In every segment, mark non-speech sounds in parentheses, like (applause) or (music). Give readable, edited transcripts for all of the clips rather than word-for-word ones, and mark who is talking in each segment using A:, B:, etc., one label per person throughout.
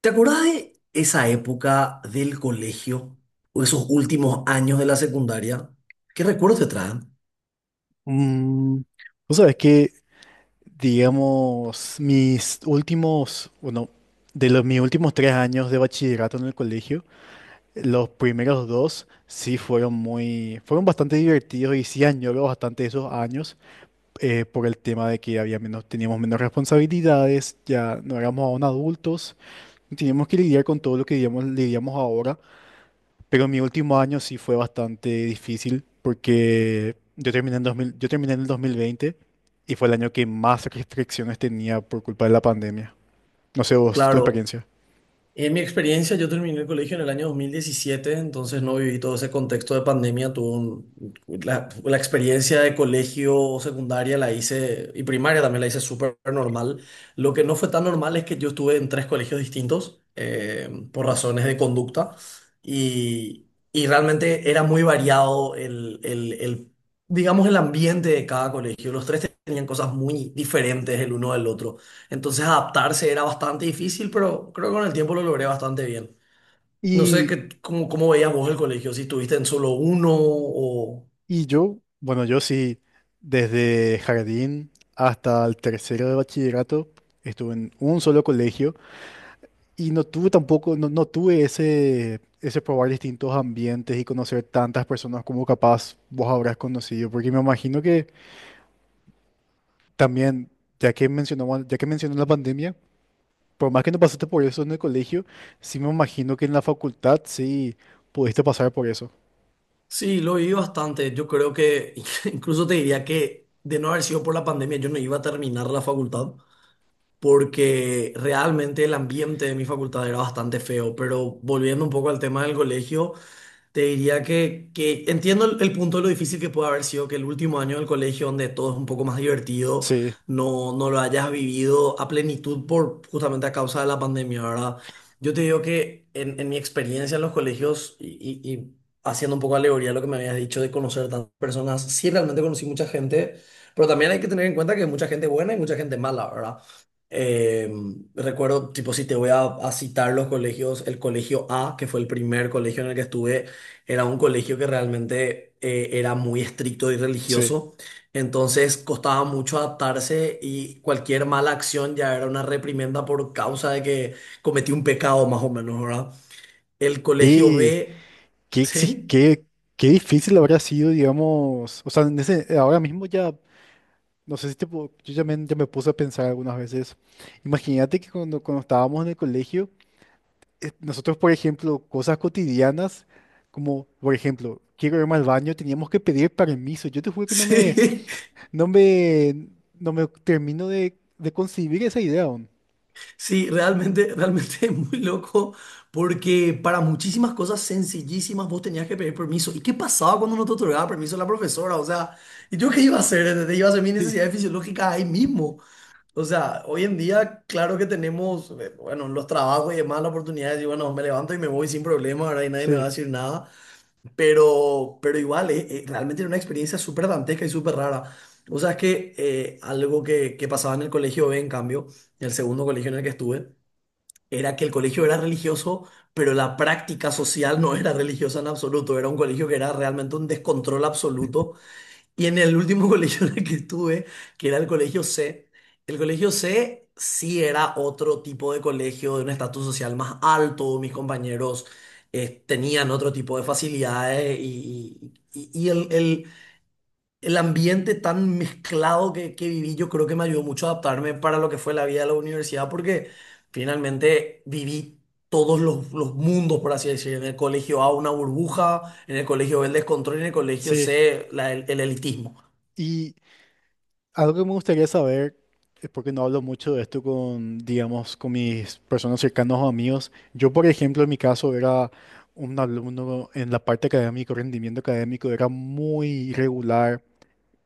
A: ¿Te acordás de esa época del colegio o esos últimos años de la secundaria? ¿Qué recuerdos te traen?
B: Mm, vos sabés que, digamos, mis últimos, bueno, de los mis últimos tres años de bachillerato en el colegio, los primeros dos sí fueron fueron bastante divertidos y sí añoro bastante esos años, por el tema de que teníamos menos responsabilidades, ya no éramos aún adultos, teníamos que lidiar con todo lo que, digamos, lidiamos ahora. Pero mi último año sí fue bastante difícil porque yo terminé en el 2020 y fue el año que más restricciones tenía por culpa de la pandemia. No sé vos, tu
A: Claro.
B: experiencia.
A: En mi experiencia, yo terminé el colegio en el año 2017, entonces no viví todo ese contexto de pandemia. Tuve la experiencia de colegio secundaria la hice, y primaria también la hice súper normal. Lo que no fue tan normal es que yo estuve en tres colegios distintos por razones de conducta y, y realmente era muy variado digamos, el ambiente de cada colegio. Los tres tenían cosas muy diferentes el uno del otro. Entonces adaptarse era bastante difícil, pero creo que con el tiempo lo logré bastante bien. No sé
B: Y,
A: cómo veías vos el colegio, si estuviste en solo uno o...
B: Bueno, yo sí, desde jardín hasta el tercero de bachillerato, estuve en un solo colegio y no tuve tampoco, no tuve ese probar distintos ambientes y conocer tantas personas como capaz vos habrás conocido, porque me imagino que también, ya que mencionó la pandemia, por más que no pasaste por eso en el colegio, sí me imagino que en la facultad sí pudiste pasar por eso.
A: Sí, lo viví bastante. Yo creo que (laughs) incluso te diría que de no haber sido por la pandemia, yo no iba a terminar la facultad, porque realmente el ambiente de mi facultad era bastante feo. Pero volviendo un poco al tema del colegio... Te diría que entiendo el punto de lo difícil que puede haber sido que el último año del colegio, donde todo es un poco más divertido,
B: Sí,
A: no lo hayas vivido a plenitud por justamente a causa de la pandemia, ¿verdad? Yo te digo que en mi experiencia en los colegios y haciendo un poco alegoría a lo que me habías dicho de conocer tantas personas, sí realmente conocí mucha gente, pero también hay que tener en cuenta que hay mucha gente buena y mucha gente mala, ¿verdad? Eh, recuerdo, tipo, si te voy a citar los colegios, el colegio A, que fue el primer colegio en el que estuve. Era un colegio que realmente era muy estricto y
B: sí.
A: religioso, entonces costaba mucho adaptarse y cualquier mala acción ya era una reprimenda por causa de que cometí un pecado más o menos, ¿verdad? El colegio
B: Qué,
A: B,
B: qué, exi-
A: sí,
B: qué, qué difícil habrá sido, digamos, o sea, ahora mismo ya, no sé si te, pu- yo ya ya me puse a pensar algunas veces. Imagínate que cuando estábamos en el colegio, nosotros, por ejemplo, cosas cotidianas, como, por ejemplo, quiero irme al baño, teníamos que pedir permiso. Yo te juro
A: (laughs)
B: que no me...
A: sí,
B: No me, no me termino de concebir esa idea aún.
A: sí, realmente, realmente es muy loco porque para muchísimas cosas sencillísimas vos tenías que pedir permiso. ¿Y qué pasaba cuando no te otorgaba permiso la profesora? O sea, ¿y yo qué iba a hacer? ¿Entendés? Iba a hacer mis
B: Sí,
A: necesidades fisiológicas ahí mismo. O sea, hoy en día, claro que tenemos, bueno, los trabajos y demás, las oportunidades, y bueno, me levanto y me voy sin problema, ahora y nadie me va a
B: sí,
A: decir nada, pero igual, realmente era una experiencia súper dantesca y súper rara. O sea, es que algo que pasaba en el colegio B, en cambio, en el segundo colegio en el que estuve, era que el colegio era religioso, pero la práctica social no era religiosa en absoluto, era un colegio que era realmente un descontrol absoluto y en el último (laughs) colegio en el que estuve, que era el colegio C sí era otro tipo de colegio de un estatus social más alto, mis compañeros tenían otro tipo de facilidades y, el ambiente tan mezclado que viví yo creo que me ayudó mucho a adaptarme para lo que fue la vida de la universidad porque finalmente viví todos los mundos, por así decir, en el colegio A una burbuja, en el colegio B el descontrol y en el colegio
B: sí.
A: C el elitismo.
B: Y algo que me gustaría saber, es porque no hablo mucho de esto con, digamos, con mis personas cercanas o amigos. Yo, por ejemplo, en mi caso era un alumno en la parte académica, rendimiento académico, era muy irregular.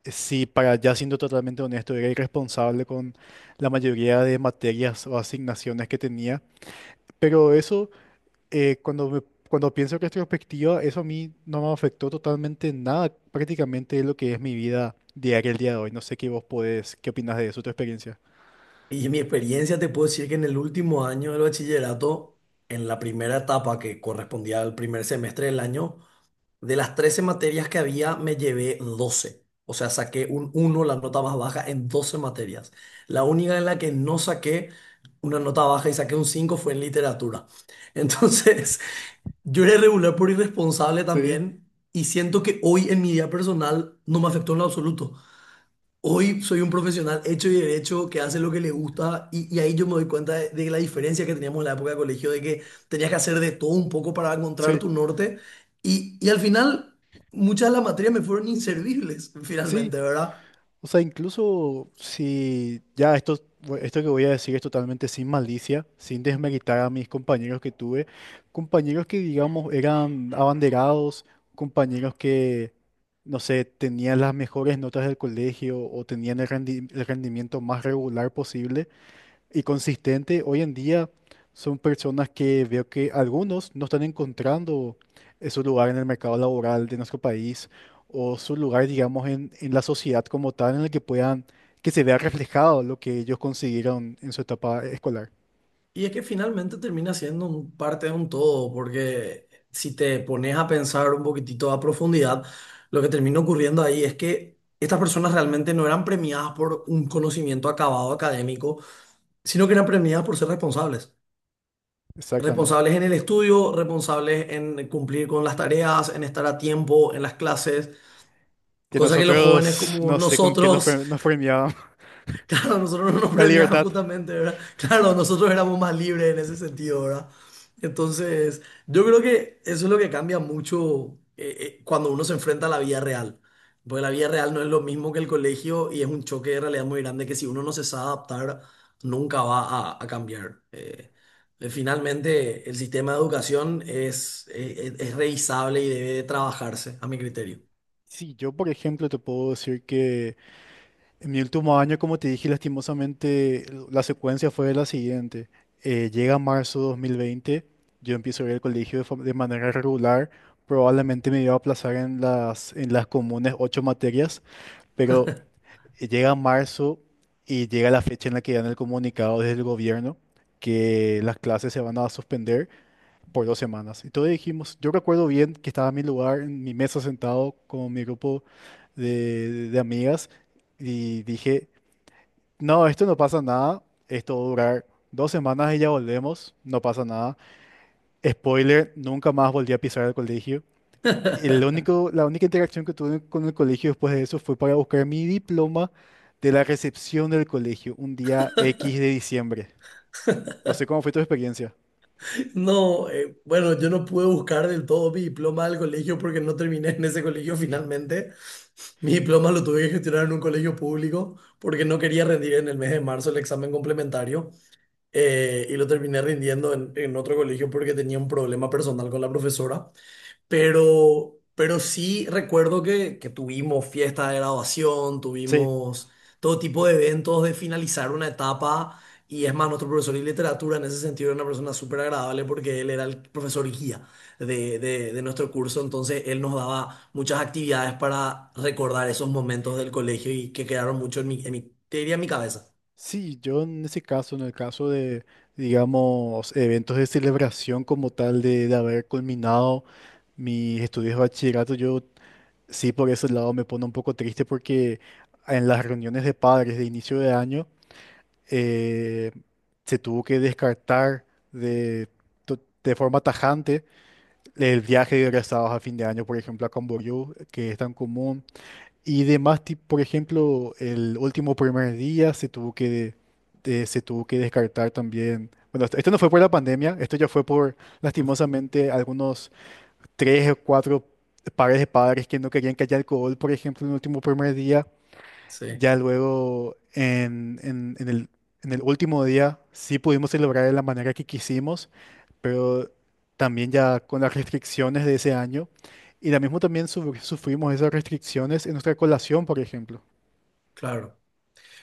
B: Sí, para ya siendo totalmente honesto, era irresponsable con la mayoría de materias o asignaciones que tenía. Pero eso... eh, cuando, me- cuando pienso que retrospectiva, eso a mí no me afectó totalmente en nada, prácticamente es lo que es mi vida diaria el día de hoy. No sé qué vos qué opinas de eso, tu experiencia.
A: Y en mi experiencia te puedo decir que en el último año del bachillerato, en la primera etapa que correspondía al primer semestre del año, de las 13 materias que había, me llevé 12. O sea, saqué un uno, la nota más baja, en 12 materias. La única en la que no saqué una nota baja y saqué un 5 fue en literatura. Entonces, (laughs) yo era irregular por irresponsable
B: Sí,
A: también y siento que hoy en mi vida personal no me afectó en lo absoluto. Hoy soy un profesional hecho y derecho que hace lo que le gusta y ahí yo me doy cuenta de la diferencia que teníamos en la época de colegio, de que tenías que hacer de todo un poco para encontrar
B: sí,
A: tu norte y al final muchas de las materias me fueron inservibles (laughs)
B: sí.
A: finalmente, ¿verdad?
B: O sea, incluso si ya esto, bu- esto que voy a decir es totalmente sin malicia, sin desmeritar a mis compañeros que tuve, compañeros que, digamos, eran abanderados, compañeros que, no sé, tenían las mejores notas del colegio o tenían el rendimiento más regular posible y consistente. Hoy en día son personas que veo que algunos no están encontrando, su lugar en el mercado laboral de nuestro país o su lugar, digamos, en la sociedad como tal, en el que puedan, que se vea reflejado lo que ellos consiguieron en su etapa escolar.
A: Y es que finalmente termina siendo un parte de un todo, porque si te pones a pensar un poquitito a profundidad, lo que termina ocurriendo ahí es que estas personas realmente no eran premiadas por un conocimiento acabado académico, sino que eran premiadas por ser responsables.
B: Exactamente.
A: Responsables en el estudio, responsables en cumplir con las tareas, en estar a tiempo en las clases,
B: Que
A: cosa que los jóvenes
B: nosotros
A: como
B: no sé con qué
A: nosotros...
B: nos premiaban
A: Claro, nosotros no nos
B: (laughs) la
A: premiaban
B: libertad.
A: justamente, ¿verdad? Claro, nosotros éramos más libres en ese sentido, ¿verdad? Entonces, yo creo que eso es lo que cambia mucho cuando uno se enfrenta a la vida real. Porque la vida real no es lo mismo que el colegio y es un choque de realidad muy grande que si uno no se sabe adaptar, nunca va a cambiar. Finalmente, el sistema de educación es, es revisable y debe de trabajarse, a mi criterio.
B: Sí, yo, por ejemplo, te puedo decir que en mi último año, como te dije, lastimosamente, la secuencia fue la siguiente. Llega marzo 2020, yo empiezo a ir al colegio de manera regular, probablemente me iba a aplazar en en las comunes ocho materias, pero llega marzo y llega la fecha en la que dan el comunicado desde el gobierno que las clases se van a suspender por dos semanas. Y todos dijimos, yo recuerdo bien que estaba en mi lugar, en mi mesa sentado con mi grupo de amigas y dije... No, esto no pasa nada. Esto va a durar dos semanas y ya volvemos. No pasa nada. Spoiler, nunca más volví a pisar el colegio. La única interacción que tuve con el colegio después de eso fue para buscar mi diploma de la recepción del colegio, un día X de diciembre. No sé cómo fue tu experiencia.
A: No, bueno, yo no pude buscar del todo mi diploma del colegio porque no terminé en ese colegio finalmente. Mi diploma lo tuve que gestionar en un colegio público porque no quería rendir en el mes de marzo el examen complementario, y lo terminé rindiendo en otro colegio porque tenía un problema personal con la profesora. Pero sí recuerdo que tuvimos fiesta de graduación,
B: Sí.
A: tuvimos todo tipo de eventos de finalizar una etapa. Y es más, nuestro profesor de literatura en ese sentido era una persona súper agradable porque él era el profesor guía de nuestro curso. Entonces él nos daba muchas actividades para recordar esos momentos del colegio y que quedaron mucho en te diría en mi cabeza.
B: Sí, yo en ese caso, en el caso de, digamos, eventos de celebración como tal de haber culminado mis estudios de bachillerato, yo... Sí, por ese lado me pone un poco triste porque en las reuniones de padres de inicio de año, eh, se tuvo que descartar de, de forma tajante el viaje de egresados a fin de año, por ejemplo, a Camboriú, que es tan común, y demás, por ejemplo, el último primer día se tuvo que, se tuvo que descartar también. Bueno, esto no fue por la pandemia, esto ya fue por,
A: (laughs)
B: lastimosamente, algunos tres o cuatro pares de padres que no querían que haya alcohol, por ejemplo, en el último primer día.
A: Sí,
B: Ya luego, en el último día, sí pudimos celebrar de la manera que quisimos, pero también ya con las restricciones de ese año. Y la mismo también sufrimos esas restricciones en nuestra colación, por ejemplo.
A: claro.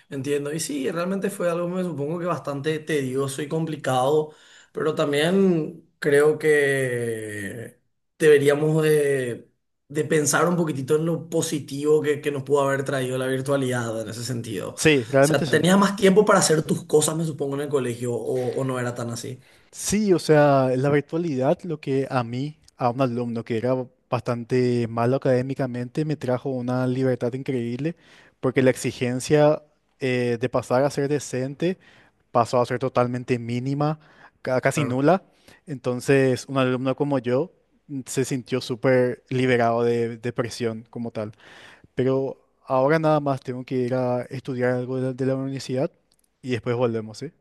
A: Entiendo, y sí, realmente fue algo, me supongo que bastante tedioso y complicado, pero también creo que deberíamos de pensar un poquitito en lo positivo que nos pudo haber traído la virtualidad en ese sentido. O
B: Sí,
A: sea,
B: realmente sí.
A: tenías más tiempo para hacer tus cosas, me supongo, en el colegio, o no era tan así.
B: Sí, o sea, la virtualidad, lo que a mí, a un alumno que era bastante malo académicamente, me trajo una libertad increíble, porque la exigencia, de pasar a ser decente pasó a ser totalmente mínima, casi
A: Claro.
B: nula. Entonces, un alumno como yo, se sintió súper liberado de presión como tal. Pero ahora nada más tengo que ir a estudiar algo de la universidad y después volvemos, ¿sí?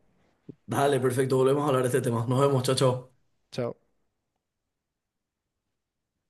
A: Dale, perfecto, volvemos a hablar de este tema. Nos vemos, chao, chao.
B: Chao.